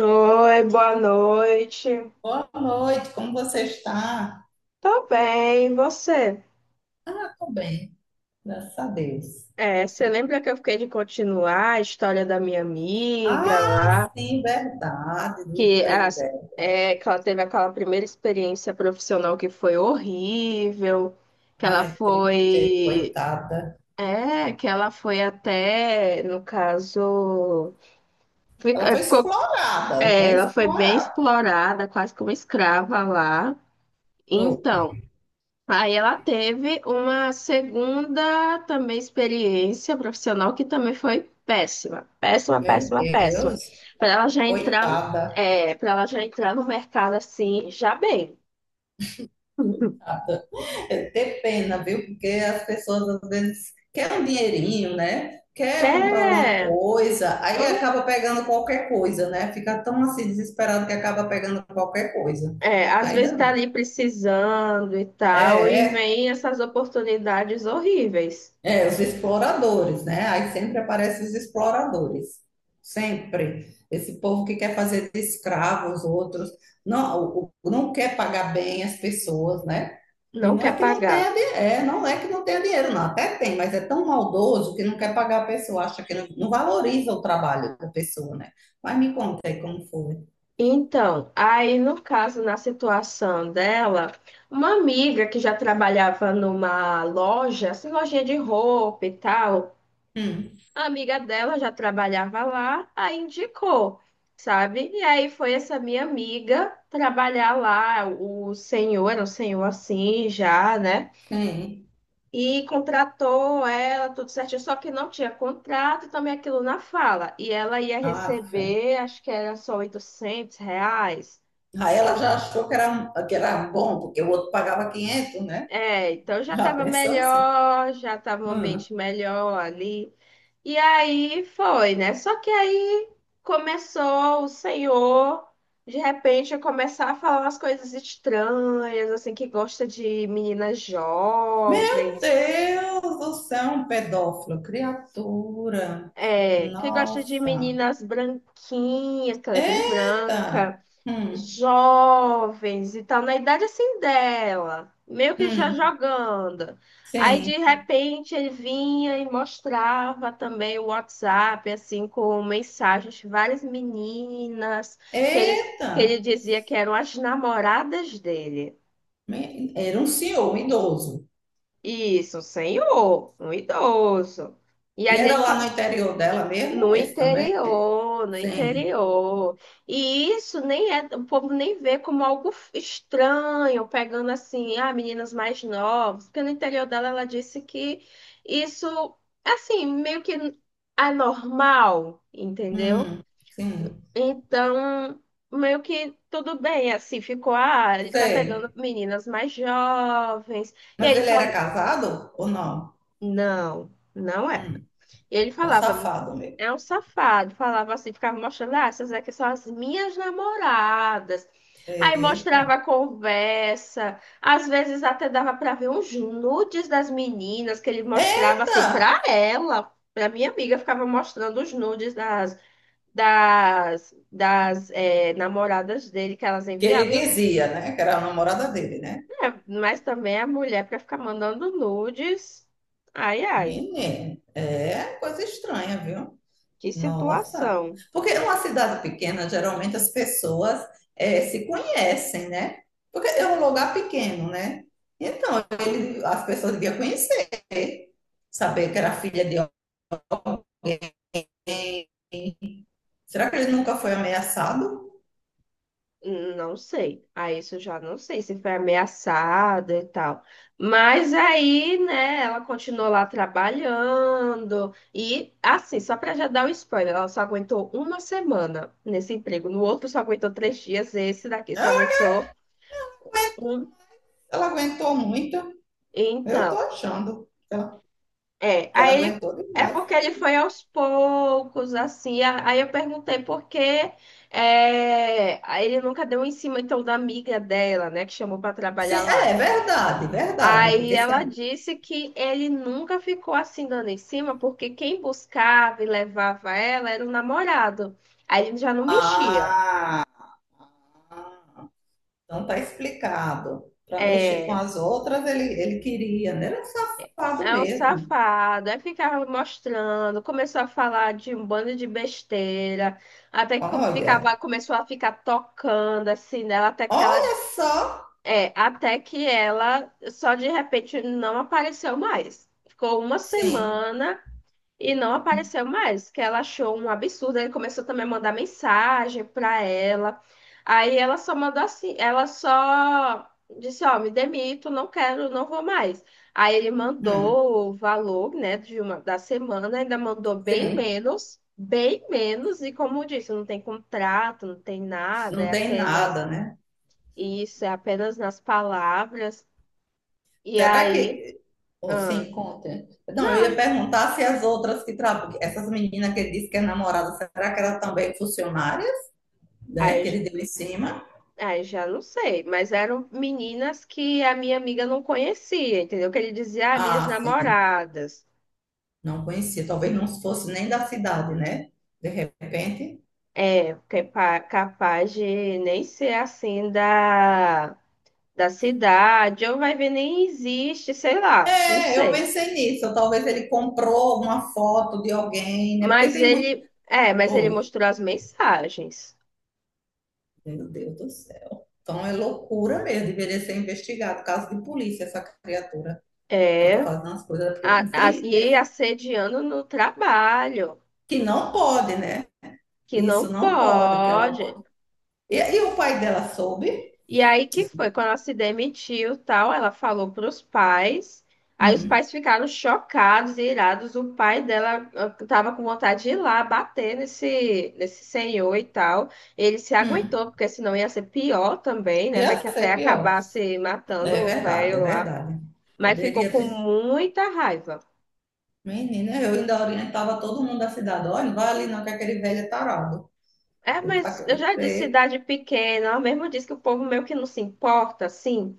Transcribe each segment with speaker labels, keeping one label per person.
Speaker 1: Oi, boa noite.
Speaker 2: Boa noite, como você está?
Speaker 1: Tô bem, e você?
Speaker 2: Ah, tô bem. Graças a Deus.
Speaker 1: É, você lembra que eu fiquei de continuar a história da minha amiga
Speaker 2: Ah,
Speaker 1: lá,
Speaker 2: sim, verdade, do
Speaker 1: que,
Speaker 2: emprego
Speaker 1: as,
Speaker 2: dela.
Speaker 1: que ela teve aquela primeira experiência profissional que foi horrível, que ela
Speaker 2: Ai, triste,
Speaker 1: foi,
Speaker 2: coitada.
Speaker 1: que ela foi até, no caso,
Speaker 2: Ela foi
Speaker 1: ficou,
Speaker 2: explorada, né?
Speaker 1: ela foi bem
Speaker 2: Explorada.
Speaker 1: explorada, quase como escrava lá.
Speaker 2: Oh,
Speaker 1: Então. Aí ela teve uma segunda também experiência profissional que também foi péssima, péssima,
Speaker 2: meu
Speaker 1: péssima, péssima.
Speaker 2: Deus,
Speaker 1: Para ela já entrar,
Speaker 2: coitada.
Speaker 1: para ela já entrar no mercado assim, já bem.
Speaker 2: Coitada. É ter pena, viu? Porque as pessoas às vezes querem um dinheirinho, né?
Speaker 1: Que
Speaker 2: Quer comprar alguma
Speaker 1: é,
Speaker 2: coisa, aí
Speaker 1: hum,
Speaker 2: acaba pegando qualquer coisa, né? Fica tão assim desesperado que acaba pegando qualquer coisa.
Speaker 1: às
Speaker 2: Aí
Speaker 1: vezes está
Speaker 2: dá.
Speaker 1: ali precisando e
Speaker 2: É,
Speaker 1: tal, e
Speaker 2: é,
Speaker 1: vem essas oportunidades horríveis.
Speaker 2: é, os exploradores, né? Aí sempre aparecem os exploradores. Sempre. Esse povo que quer fazer de escravo os outros, não, não quer pagar bem as pessoas, né? E
Speaker 1: Não
Speaker 2: não é
Speaker 1: quer
Speaker 2: que não
Speaker 1: pagar.
Speaker 2: tenha dinheiro, é, não é que não tenha dinheiro, não, até tem, mas é tão maldoso que não quer pagar a pessoa, acha que não, não valoriza o trabalho da pessoa, né? Mas me conta aí como foi.
Speaker 1: Então, aí no caso, na situação dela, uma amiga que já trabalhava numa loja, assim, lojinha de roupa e tal,
Speaker 2: Hum,
Speaker 1: a amiga dela já trabalhava lá, aí indicou, sabe? E aí foi essa minha amiga trabalhar lá, o senhor, era um senhor assim já, né?
Speaker 2: sim.
Speaker 1: E contratou ela, tudo certinho, só que não tinha contrato, também aquilo na fala. E ela ia
Speaker 2: Aff.
Speaker 1: receber, acho que era só 800 reais.
Speaker 2: Aí ela já achou que era, um, que era bom, porque o outro pagava 500, né?
Speaker 1: É, então já
Speaker 2: Já
Speaker 1: estava
Speaker 2: pensou assim?
Speaker 1: melhor, já estava um
Speaker 2: Hum.
Speaker 1: ambiente melhor ali. E aí foi, né? Só que aí começou o senhor, de repente, a começar a falar umas coisas estranhas, assim, que gosta de meninas
Speaker 2: Meu
Speaker 1: jovens,
Speaker 2: Deus, do é um pedófilo, criatura.
Speaker 1: que gosta de
Speaker 2: Nossa.
Speaker 1: meninas branquinhas, que ela é bem
Speaker 2: Eita.
Speaker 1: branca.
Speaker 2: Hum.
Speaker 1: Jovens e tal, na idade assim dela, meio que já
Speaker 2: Hum.
Speaker 1: jogando. Aí de
Speaker 2: Sim.
Speaker 1: repente ele vinha e mostrava também o WhatsApp, assim, com mensagens de várias meninas que ele,
Speaker 2: Eita.
Speaker 1: que ele dizia que eram as namoradas dele.
Speaker 2: Me- Era um senhor, um idoso.
Speaker 1: Isso, um senhor, um idoso. E
Speaker 2: E
Speaker 1: ali
Speaker 2: era
Speaker 1: ele,
Speaker 2: lá no
Speaker 1: fa-
Speaker 2: interior dela mesmo,
Speaker 1: No
Speaker 2: esse também?
Speaker 1: interior, no
Speaker 2: Sim.
Speaker 1: interior. E isso nem é, o povo nem vê como algo estranho, pegando assim, ah, meninas mais novas, porque no interior dela ela disse que isso, assim, meio que anormal, entendeu?
Speaker 2: Hum. Sim.
Speaker 1: Então, meio que tudo bem, assim, ficou, ah, ele tá pegando
Speaker 2: Sei.
Speaker 1: meninas mais jovens. E aí
Speaker 2: Mas
Speaker 1: ele
Speaker 2: ele era
Speaker 1: falou,
Speaker 2: casado ou não?
Speaker 1: não, não é.
Speaker 2: Hum.
Speaker 1: E ele
Speaker 2: Um
Speaker 1: falava,
Speaker 2: safado mesmo.
Speaker 1: é um safado, falava assim, ficava mostrando, ah, essas aqui são as minhas namoradas. Aí
Speaker 2: Eita.
Speaker 1: mostrava a conversa, às vezes até dava para ver uns nudes das meninas que ele mostrava
Speaker 2: Eita!
Speaker 1: assim para ela, para minha amiga, ficava mostrando os nudes das namoradas dele que elas
Speaker 2: Que ele
Speaker 1: enviavam.
Speaker 2: dizia, né? Que era a namorada dele, né?
Speaker 1: Mas também a mulher para ficar mandando nudes. Ai, ai,
Speaker 2: Menina, é coisa estranha, viu?
Speaker 1: que
Speaker 2: Nossa.
Speaker 1: situação.
Speaker 2: Porque numa cidade pequena, geralmente as pessoas se conhecem, né? Porque é um lugar pequeno, né? Então, ele- as pessoas deviam conhecer, saber que era filha de alguém. Será que ele nunca foi ameaçado?
Speaker 1: Não sei. Aí isso eu já não sei se foi ameaçada e tal. Mas aí, né, ela continuou lá trabalhando. E, assim, só pra já dar o spoiler, ela só aguentou uma semana nesse emprego. No outro só aguentou 3 dias, esse daqui só aguentou
Speaker 2: Ela
Speaker 1: um.
Speaker 2: Ela aguentou muito. Eu tô
Speaker 1: Então,
Speaker 2: achando
Speaker 1: é.
Speaker 2: que ela aguentou
Speaker 1: É
Speaker 2: demais.
Speaker 1: porque ele foi aos poucos, assim. Aí eu perguntei por quê. É, aí ele nunca deu em cima, então, da amiga dela, né, que chamou pra
Speaker 2: Sim,
Speaker 1: trabalhar lá.
Speaker 2: é verdade, verdade.
Speaker 1: Aí
Speaker 2: Porque se a
Speaker 1: ela disse que ele nunca ficou assim dando em cima, porque quem buscava e levava ela era o namorado. Aí ele já não mexia.
Speaker 2: Ah, ah, então tá explicado. Para mexer com
Speaker 1: É,
Speaker 2: as outras, ele queria, né? Ele era um safado
Speaker 1: é um
Speaker 2: mesmo.
Speaker 1: safado. Aí ficava mostrando, começou a falar de um bando de besteira, até que
Speaker 2: Olha,
Speaker 1: começou a ficar tocando assim nela,
Speaker 2: olha só.
Speaker 1: até que ela só de repente não apareceu mais. Ficou uma
Speaker 2: Sim,
Speaker 1: semana. E não apareceu mais, que ela achou um absurdo. Ele começou também a mandar mensagem pra ela. Aí ela só mandou assim, ela só disse, ó, me demito, não quero, não vou mais. Aí ele
Speaker 2: hum,
Speaker 1: mandou o valor, né, de uma da semana, ainda mandou bem
Speaker 2: sim,
Speaker 1: menos, bem menos. E como eu disse, não tem contrato, não tem nada,
Speaker 2: não
Speaker 1: é
Speaker 2: tem
Speaker 1: apenas
Speaker 2: nada, né?
Speaker 1: isso, é apenas nas palavras. E
Speaker 2: Será
Speaker 1: aí,
Speaker 2: que. Oh,
Speaker 1: ah,
Speaker 2: sim, conta. Não, eu ia
Speaker 1: não.
Speaker 2: perguntar se as outras que trabalham, essas meninas que ele disse que é namorada, será que elas também funcionárias, né? Que
Speaker 1: Aí
Speaker 2: ele deu em cima?
Speaker 1: Já não sei, mas eram meninas que a minha amiga não conhecia, entendeu? Que ele dizia, ah, minhas
Speaker 2: Ah, sim.
Speaker 1: namoradas.
Speaker 2: Não conhecia, talvez não fosse nem da cidade, né? De repente.
Speaker 1: É, que é capaz de nem ser assim da cidade, ou vai ver nem existe, sei lá, não
Speaker 2: É, eu
Speaker 1: sei.
Speaker 2: pensei nisso. Talvez ele comprou uma foto de alguém, né? Porque
Speaker 1: Mas
Speaker 2: tem muito.
Speaker 1: ele, é, mas ele
Speaker 2: Oi,
Speaker 1: mostrou as mensagens.
Speaker 2: meu Deus do céu. Então é loucura mesmo, deveria ser investigado. Caso de polícia, essa criatura. Ela tá
Speaker 1: É,
Speaker 2: fazendo as coisas, porque tem que
Speaker 1: e
Speaker 2: ver
Speaker 1: assediando no trabalho,
Speaker 2: que não pode, né?
Speaker 1: que não
Speaker 2: Isso não pode, que ela
Speaker 1: pode.
Speaker 2: pode. E o pai dela soube?
Speaker 1: E aí que foi, quando ela se demitiu, tal, ela falou para os pais. Aí os
Speaker 2: Hum,
Speaker 1: pais ficaram chocados e irados. O pai dela estava com vontade de ir lá bater nesse senhor e tal. Ele se
Speaker 2: hum.
Speaker 1: aguentou, porque senão ia ser pior também, né?
Speaker 2: Ia
Speaker 1: Vai que até
Speaker 2: ser pior.
Speaker 1: acabar se matando
Speaker 2: É
Speaker 1: o
Speaker 2: verdade, é
Speaker 1: velho lá.
Speaker 2: verdade.
Speaker 1: Mas ficou
Speaker 2: Poderia
Speaker 1: com
Speaker 2: ter.
Speaker 1: muita raiva.
Speaker 2: Menina, eu ainda orientava todo mundo da cidade. Olha, não vai ali não, que aquele velho é tarado.
Speaker 1: É,
Speaker 2: Eu tava
Speaker 1: mas eu
Speaker 2: querendo
Speaker 1: já
Speaker 2: pra
Speaker 1: disse
Speaker 2: ele.
Speaker 1: cidade pequena, ela mesmo disse que o povo meio que não se importa, assim.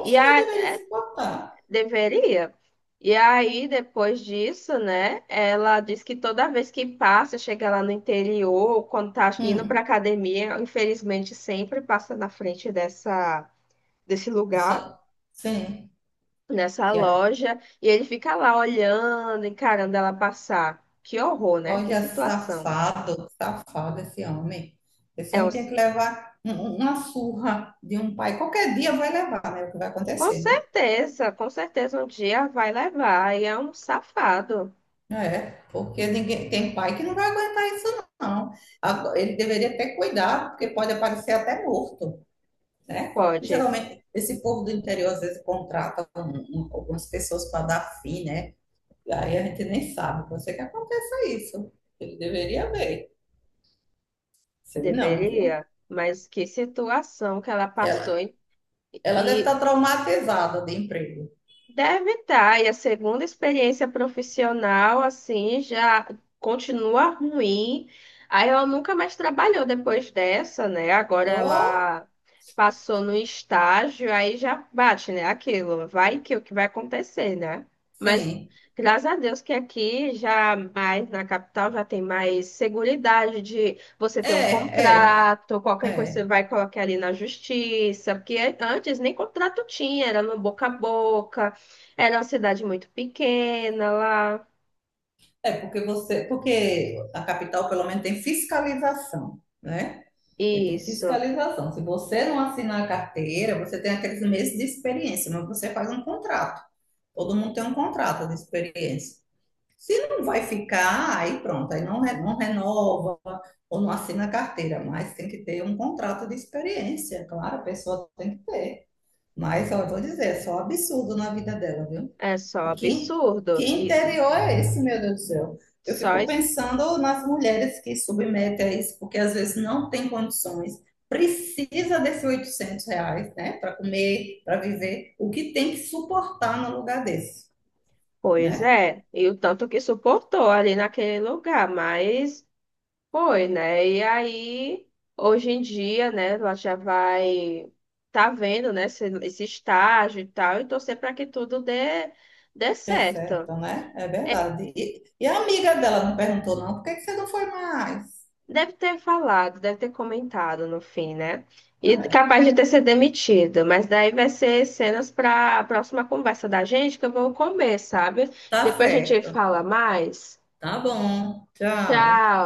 Speaker 1: E
Speaker 2: mas
Speaker 1: a,
Speaker 2: deveria se botar.
Speaker 1: Deveria. E aí, depois disso, né? Ela diz que toda vez que passa, chega lá no interior, quando tá indo pra
Speaker 2: Hum,
Speaker 1: academia, infelizmente sempre passa na frente dessa, desse lugar,
Speaker 2: sa- sim.
Speaker 1: nessa
Speaker 2: Que é-
Speaker 1: loja, e ele fica lá olhando, encarando ela passar. Que horror, né? Que
Speaker 2: Olha,
Speaker 1: situação.
Speaker 2: safado, safado esse homem. Esse
Speaker 1: É um,
Speaker 2: homem tem
Speaker 1: sa-
Speaker 2: que levar uma surra de um pai. Qualquer dia vai levar, né? É o que vai acontecer, né?
Speaker 1: com certeza um dia vai levar, e é um safado.
Speaker 2: É, porque ninguém, tem pai que não vai aguentar isso, não. Agora, ele deveria ter cuidado, porque pode aparecer até morto. Né? E,
Speaker 1: Pode,
Speaker 2: geralmente, esse povo do interior, às vezes, contrata algumas pessoas para dar fim, né? E aí a gente nem sabe, pode ser que aconteça isso. Ele deveria ver. Sei não, viu?
Speaker 1: deveria. Mas que situação que ela passou.
Speaker 2: Ela, ela deve estar
Speaker 1: e
Speaker 2: traumatizada de emprego.
Speaker 1: Deve estar, e a segunda experiência profissional, assim, já continua ruim. Aí ela nunca mais trabalhou depois dessa, né? Agora
Speaker 2: Oh,
Speaker 1: ela passou no estágio, aí já bate, né? Aquilo, vai que o que vai acontecer, né? Mas
Speaker 2: sim.
Speaker 1: graças a Deus que aqui já mais na capital já tem mais seguridade de você
Speaker 2: É,
Speaker 1: ter um
Speaker 2: é,
Speaker 1: contrato, qualquer coisa você
Speaker 2: É.
Speaker 1: vai colocar ali na justiça, porque antes nem contrato tinha, era no boca a boca. Era uma cidade muito pequena lá.
Speaker 2: É porque você, porque a capital pelo menos tem fiscalização, né? Você tem
Speaker 1: Isso.
Speaker 2: fiscalização. Se você não assinar a carteira, você tem aqueles meses de experiência, mas você faz um contrato. Todo mundo tem um contrato de experiência. Se não vai ficar, aí pronto, aí não, não renova ou não assina a carteira, mas tem que ter um contrato de experiência, claro, a pessoa tem que ter. Mas eu vou dizer, é só absurdo na vida dela, viu?
Speaker 1: É só
Speaker 2: Que, que
Speaker 1: absurdo. Isso.
Speaker 2: interior é esse, meu Deus do céu? Eu
Speaker 1: Só
Speaker 2: fico
Speaker 1: es-
Speaker 2: pensando nas mulheres que submetem a isso, porque às vezes não tem condições, precisa desses R$ 800, né, para comer, para viver, o que tem que suportar num lugar desse,
Speaker 1: Pois
Speaker 2: né?
Speaker 1: é. E o tanto que suportou ali naquele lugar. Mas foi, né? E aí, hoje em dia, né? Ela já vai. Tá vendo, né? Esse estágio e tal. E torcer para que tudo dê
Speaker 2: É
Speaker 1: certo.
Speaker 2: certo, né? É
Speaker 1: É,
Speaker 2: verdade. E a amiga dela não perguntou, não, por que que você não foi mais?
Speaker 1: deve ter falado, deve ter comentado no fim, né? E
Speaker 2: Ah, é.
Speaker 1: capaz de ter sido demitido, mas daí vai ser cenas para a próxima conversa da gente que eu vou comer, sabe?
Speaker 2: Tá
Speaker 1: Depois a gente
Speaker 2: certo.
Speaker 1: fala mais.
Speaker 2: Tá bom. Tchau.
Speaker 1: Tchau.